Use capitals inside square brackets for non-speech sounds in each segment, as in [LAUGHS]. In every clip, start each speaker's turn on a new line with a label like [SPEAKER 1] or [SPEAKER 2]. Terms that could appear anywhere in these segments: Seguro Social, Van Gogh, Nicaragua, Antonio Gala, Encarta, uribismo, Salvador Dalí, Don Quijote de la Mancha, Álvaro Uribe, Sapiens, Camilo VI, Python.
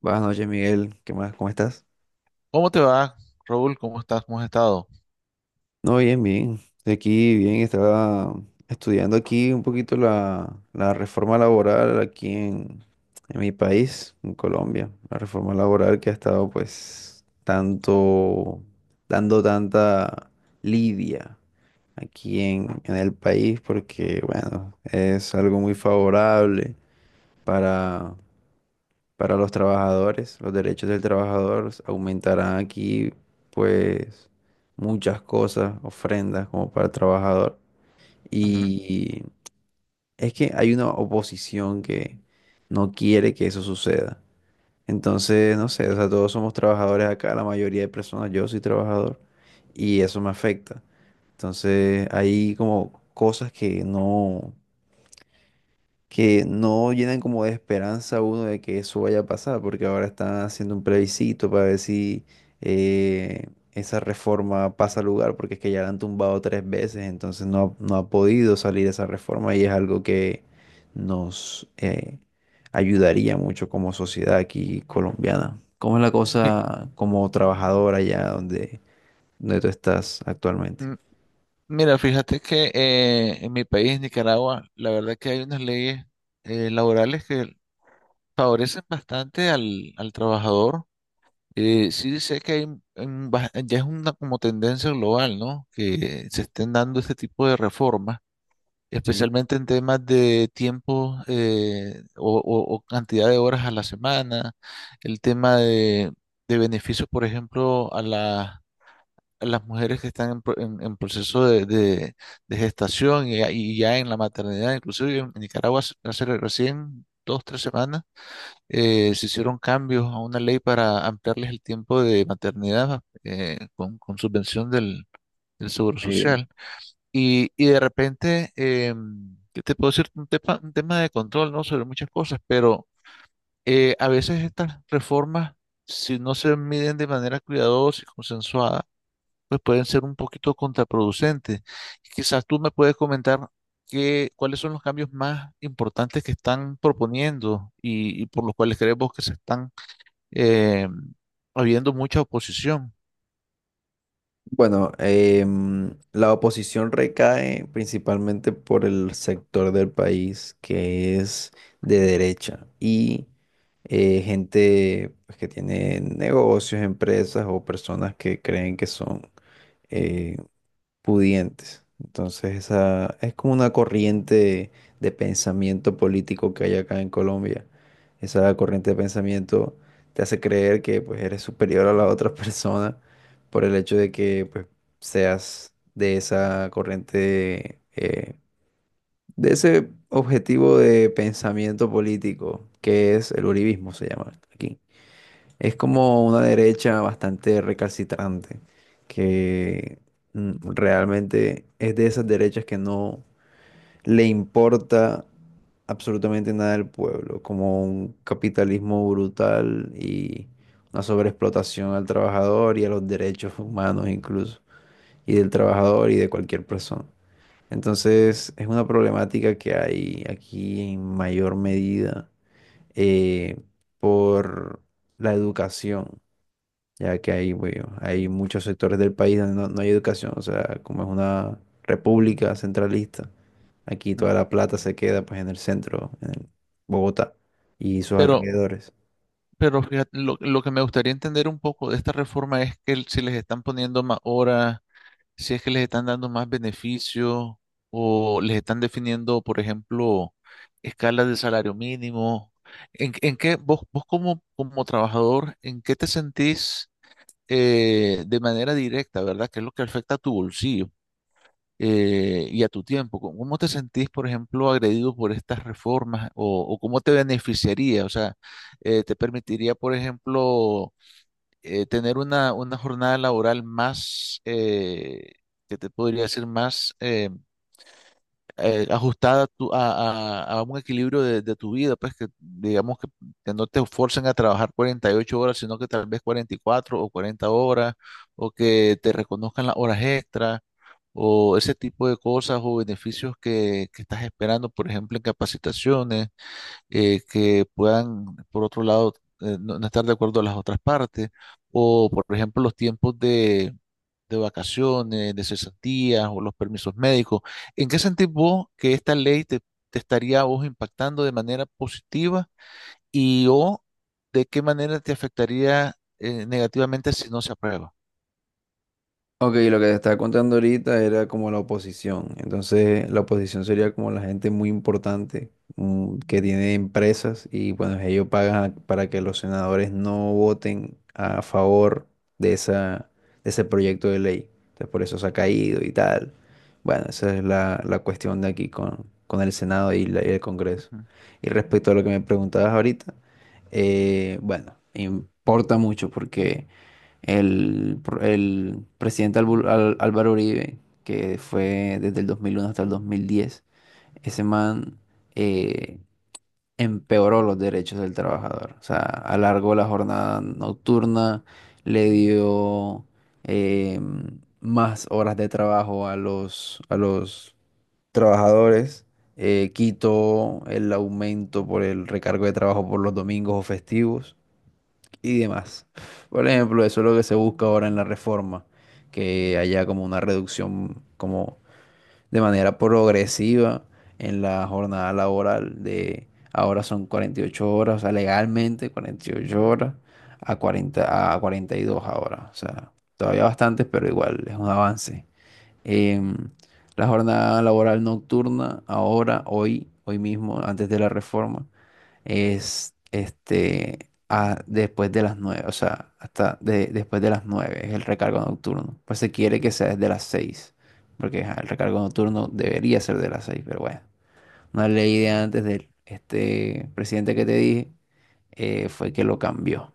[SPEAKER 1] Buenas noches, Miguel. ¿Qué más? ¿Cómo estás?
[SPEAKER 2] ¿Cómo te va, Raúl? ¿Cómo estás? ¿Cómo has estado?
[SPEAKER 1] No, bien, bien. Estoy aquí, bien, estaba estudiando aquí un poquito la reforma laboral aquí en mi país, en Colombia. La reforma laboral que ha estado, pues, tanto, dando tanta lidia aquí en,
[SPEAKER 2] Mm,
[SPEAKER 1] en el país, porque, bueno, es algo muy favorable para para los trabajadores, los derechos del trabajador, aumentarán aquí pues muchas cosas, ofrendas como para el trabajador.
[SPEAKER 2] ujú.
[SPEAKER 1] Y es que hay una oposición que no quiere que eso suceda. Entonces, no sé, o sea, todos somos trabajadores acá, la mayoría de personas, yo soy trabajador y eso me afecta. Entonces, hay como cosas que no llenan como de esperanza a uno de que eso vaya a pasar, porque ahora están haciendo un plebiscito para ver si eh, esa reforma pasa al lugar, porque es que ya la han tumbado tres veces, entonces no ha podido salir esa reforma y es algo que nos ayudaría mucho como sociedad aquí colombiana. ¿Cómo es la
[SPEAKER 2] Mi-
[SPEAKER 1] cosa como trabajadora allá donde tú estás actualmente?
[SPEAKER 2] mm, Mira, fíjate que en mi país, Nicaragua, la verdad que hay unas leyes laborales que favorecen bastante al trabajador. Sí sé que hay, ya es una como tendencia global, ¿no? Que se estén dando este tipo de reformas,
[SPEAKER 1] Sí.
[SPEAKER 2] especialmente en temas de tiempo, o cantidad de horas a la semana, el tema de beneficios, por ejemplo, a las mujeres que están en proceso de gestación y ya en la maternidad. Inclusive en Nicaragua hace recién 2, 3 semanas, se hicieron cambios a una ley para ampliarles el tiempo de maternidad, con subvención del Seguro Social. Y de repente, ¿qué te puedo decir? Un tema de control, ¿no? Sobre muchas cosas, pero, a veces estas reformas, si no se miden de manera cuidadosa y consensuada, pues pueden ser un poquito contraproducentes. Quizás tú me puedes comentar qué, cuáles son los cambios más importantes que están proponiendo y por los cuales creemos que se están eh, habiendo mucha oposición.
[SPEAKER 1] Bueno, la oposición recae principalmente por el sector del país que es de derecha y gente pues, que tiene negocios, empresas o personas que creen que son eh, pudientes. Entonces, esa es como una corriente de pensamiento político que hay acá en Colombia. Esa corriente de pensamiento te hace creer que pues eres superior a la otra [LAUGHS] persona por el hecho de que pues seas de esa corriente de ese objetivo de pensamiento político que es el uribismo se llama aquí. Es como una derecha bastante recalcitrante, que realmente es de esas derechas que no le importa absolutamente nada al pueblo, como un capitalismo brutal y una sobreexplotación al trabajador y a los derechos humanos incluso, y del trabajador y de cualquier persona. Entonces es una problemática que hay aquí en mayor medida eh, por la educación, ya que hay, bueno, hay muchos sectores del país donde no hay educación, o sea, como es una república centralista, aquí toda la plata se queda pues en el centro, en Bogotá y sus
[SPEAKER 2] Pero,
[SPEAKER 1] alrededores.
[SPEAKER 2] pero fíjate, lo que me gustaría entender un poco de esta reforma es que si les están poniendo más horas, si es que les están dando más beneficios, o les están definiendo, por ejemplo, escalas de salario mínimo. ¿En qué vos, vos como, como trabajador, en qué te sentís, de manera directa, ¿verdad? ¿Qué es lo que afecta a tu bolsillo, y a tu tiempo? ¿Cómo te sentís, por ejemplo, agredido por estas reformas, o cómo te beneficiaría? O sea, ¿te permitiría, por ejemplo, tener una jornada laboral más, que te podría decir, más, ajustada a un equilibrio de tu vida, pues que digamos que no te forcen a trabajar 48 horas, sino que tal vez 44 o 40 horas, o que te reconozcan las horas extras, o ese tipo de cosas o beneficios que estás esperando, por ejemplo, en capacitaciones, que puedan, por otro lado, no estar de acuerdo a las otras partes, o por ejemplo los tiempos de vacaciones, de cesantías o los permisos médicos? ¿En qué sentís vos que esta ley te estaría a vos impactando de manera positiva y o de qué manera te afectaría negativamente si no se aprueba?
[SPEAKER 1] Ok, lo que te estaba contando ahorita era como la oposición. Entonces, la oposición sería como la gente muy importante que tiene empresas y bueno, ellos pagan para que los senadores no voten a favor de esa, de ese proyecto de ley. Entonces, por eso se ha caído y tal. Bueno, esa es la cuestión de aquí con el Senado y el Congreso.
[SPEAKER 2] Ujú.
[SPEAKER 1] Y respecto a lo que me preguntabas ahorita, bueno, importa mucho porque el presidente Álvaro Uribe, que fue desde el 2001 hasta el 2010, ese man eh, empeoró los derechos del trabajador. O sea, alargó la jornada nocturna, le dio eh, más horas de trabajo a los trabajadores. Quitó el aumento por el recargo de trabajo por los domingos o festivos y demás. Por ejemplo, eso es lo que se busca ahora en la reforma, que haya como una reducción como de manera progresiva en la jornada laboral de ahora son 48 horas, o sea, legalmente 48 horas a 40 a 42 ahora, o sea, todavía bastantes, pero igual es un avance. Em, la jornada laboral nocturna ahora, hoy, hoy mismo, antes de la reforma es después de las nueve, o sea, hasta después de las 9 es el recargo nocturno. Pues se quiere que sea desde las seis, porque ajá, el recargo nocturno debería ser de las seis, pero bueno, una ley de antes del presidente que te dije fue que lo cambió.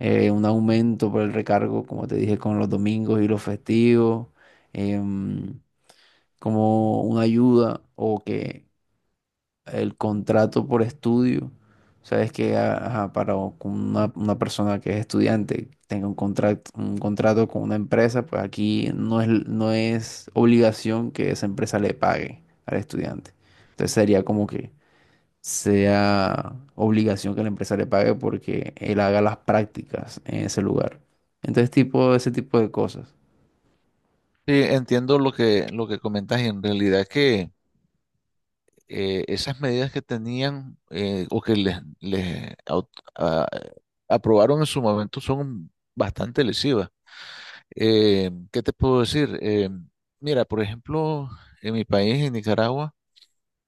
[SPEAKER 1] Un aumento por el recargo, como te dije, con los domingos y los festivos, em, como una ayuda o que el contrato por estudio. Sabes que ajá, con una persona que es estudiante tenga un contrato con una empresa, pues aquí no es obligación que esa empresa le pague al estudiante. Entonces sería como que sea obligación que la empresa le pague porque él haga las prácticas en ese lugar. Entonces, tipo, ese tipo de cosas.
[SPEAKER 2] Sí, entiendo lo que comentas, y en realidad que esas medidas que tenían, o que les a- aprobaron en su momento son bastante lesivas. ¿Qué te puedo decir? Mira, por ejemplo, en mi país, en Nicaragua,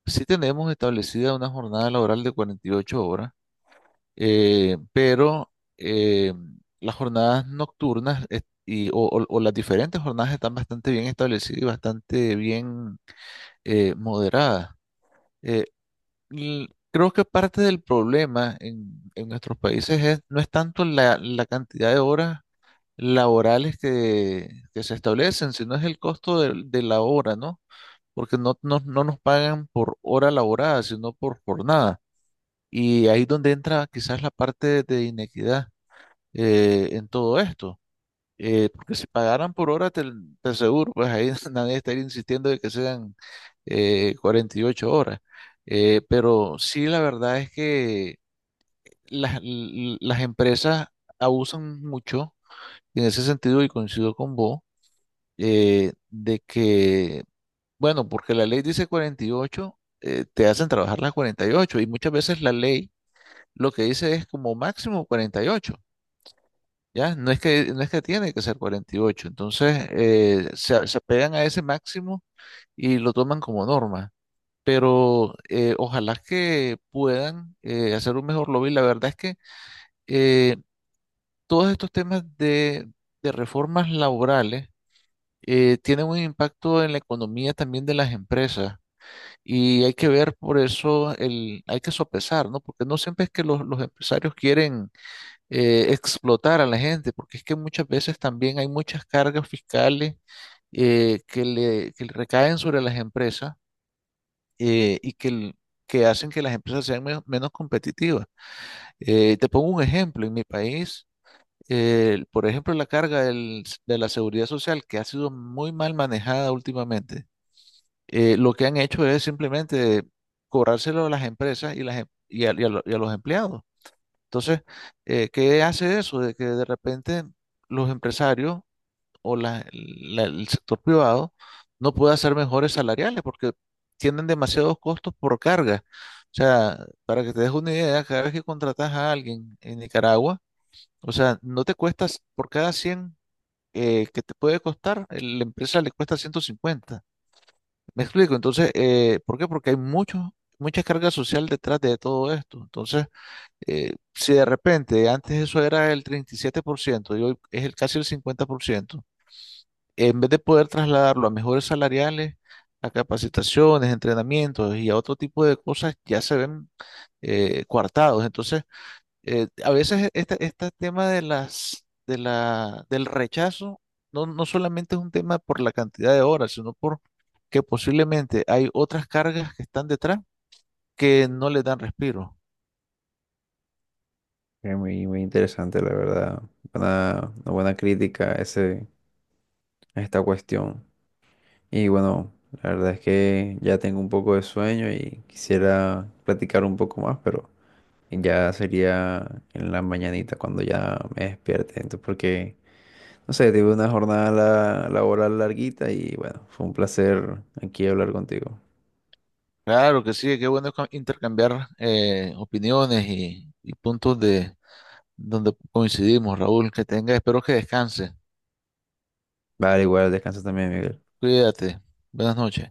[SPEAKER 2] sí tenemos establecida una jornada laboral de 48 horas, pero, eh, las jornadas nocturnas, o las diferentes jornadas están bastante bien establecidas y bastante bien, moderadas. Eh, creo que parte del problema en nuestros países no es tanto la cantidad de horas laborales que se establecen, sino es el costo de la hora, ¿no? Porque no nos pagan por hora laborada, sino por jornada. Y ahí donde entra quizás la parte de inequidad, en todo esto. Porque si pagaran por hora, te aseguro, pues ahí [LAUGHS] nadie estaría insistiendo de que sean, 48 horas. Pero sí, la verdad es que las empresas abusan mucho en ese sentido, y coincido con vos, de que, bueno, porque la ley dice 48, te hacen trabajar las 48 y ocho, y muchas veces la ley lo que dice es como máximo 48. Ya, no es que tiene que ser 48. Entonces, se apegan a ese máximo y lo toman como norma. Pero, ojalá que puedan, hacer un mejor lobby. La verdad es que, eh, todos estos temas de reformas laborales, tienen un impacto en la economía también de las empresas. Y hay que ver por eso, hay que sopesar, ¿no? Porque no siempre es que los empresarios quieren explotar a la gente, porque es que muchas veces también hay muchas cargas fiscales que le recaen sobre las empresas, y que que hacen que las empresas sean menos competitivas. Te pongo un ejemplo, en mi país, por ejemplo, la carga de la seguridad social, que ha sido muy mal manejada últimamente, lo que han hecho es simplemente cobrárselo a las empresas y, las, em- y a lo- y a los empleados. Entonces, ¿qué hace eso? De que de repente los empresarios, o el sector privado, no puede hacer mejores salariales porque tienen demasiados costos por carga. O sea, para que te des una idea, cada vez que contratas a alguien en Nicaragua, o sea, no te cuestas por cada 100, que te puede costar, la empresa le cuesta 150. Me explico. Entonces, ¿por qué? Porque hay mucho, mucha carga social detrás de todo esto. Entonces, si de repente antes eso era el 37% y hoy es casi el 50%, en vez de poder trasladarlo a mejores salariales, a capacitaciones, entrenamientos y a otro tipo de cosas, ya se ven, coartados. Entonces, a veces este, este tema de las, de la, del rechazo, no solamente es un tema por la cantidad de horas, sino por que posiblemente hay otras cargas que están detrás, que no le dan respiro.
[SPEAKER 1] Es muy, muy interesante, la verdad. Una buena crítica a esta cuestión. Y bueno, la verdad es que ya tengo un poco de sueño y quisiera platicar un poco más, pero ya sería en la mañanita cuando ya me despierte. Entonces, porque, no sé, tuve una jornada laboral larguita y bueno, fue un placer aquí hablar contigo.
[SPEAKER 2] Claro que sí, qué bueno intercambiar, opiniones y puntos de donde coincidimos, Raúl. Que tenga, espero que descanse.
[SPEAKER 1] Vale, igual, descansa también, Miguel.
[SPEAKER 2] Cuídate. Buenas noches.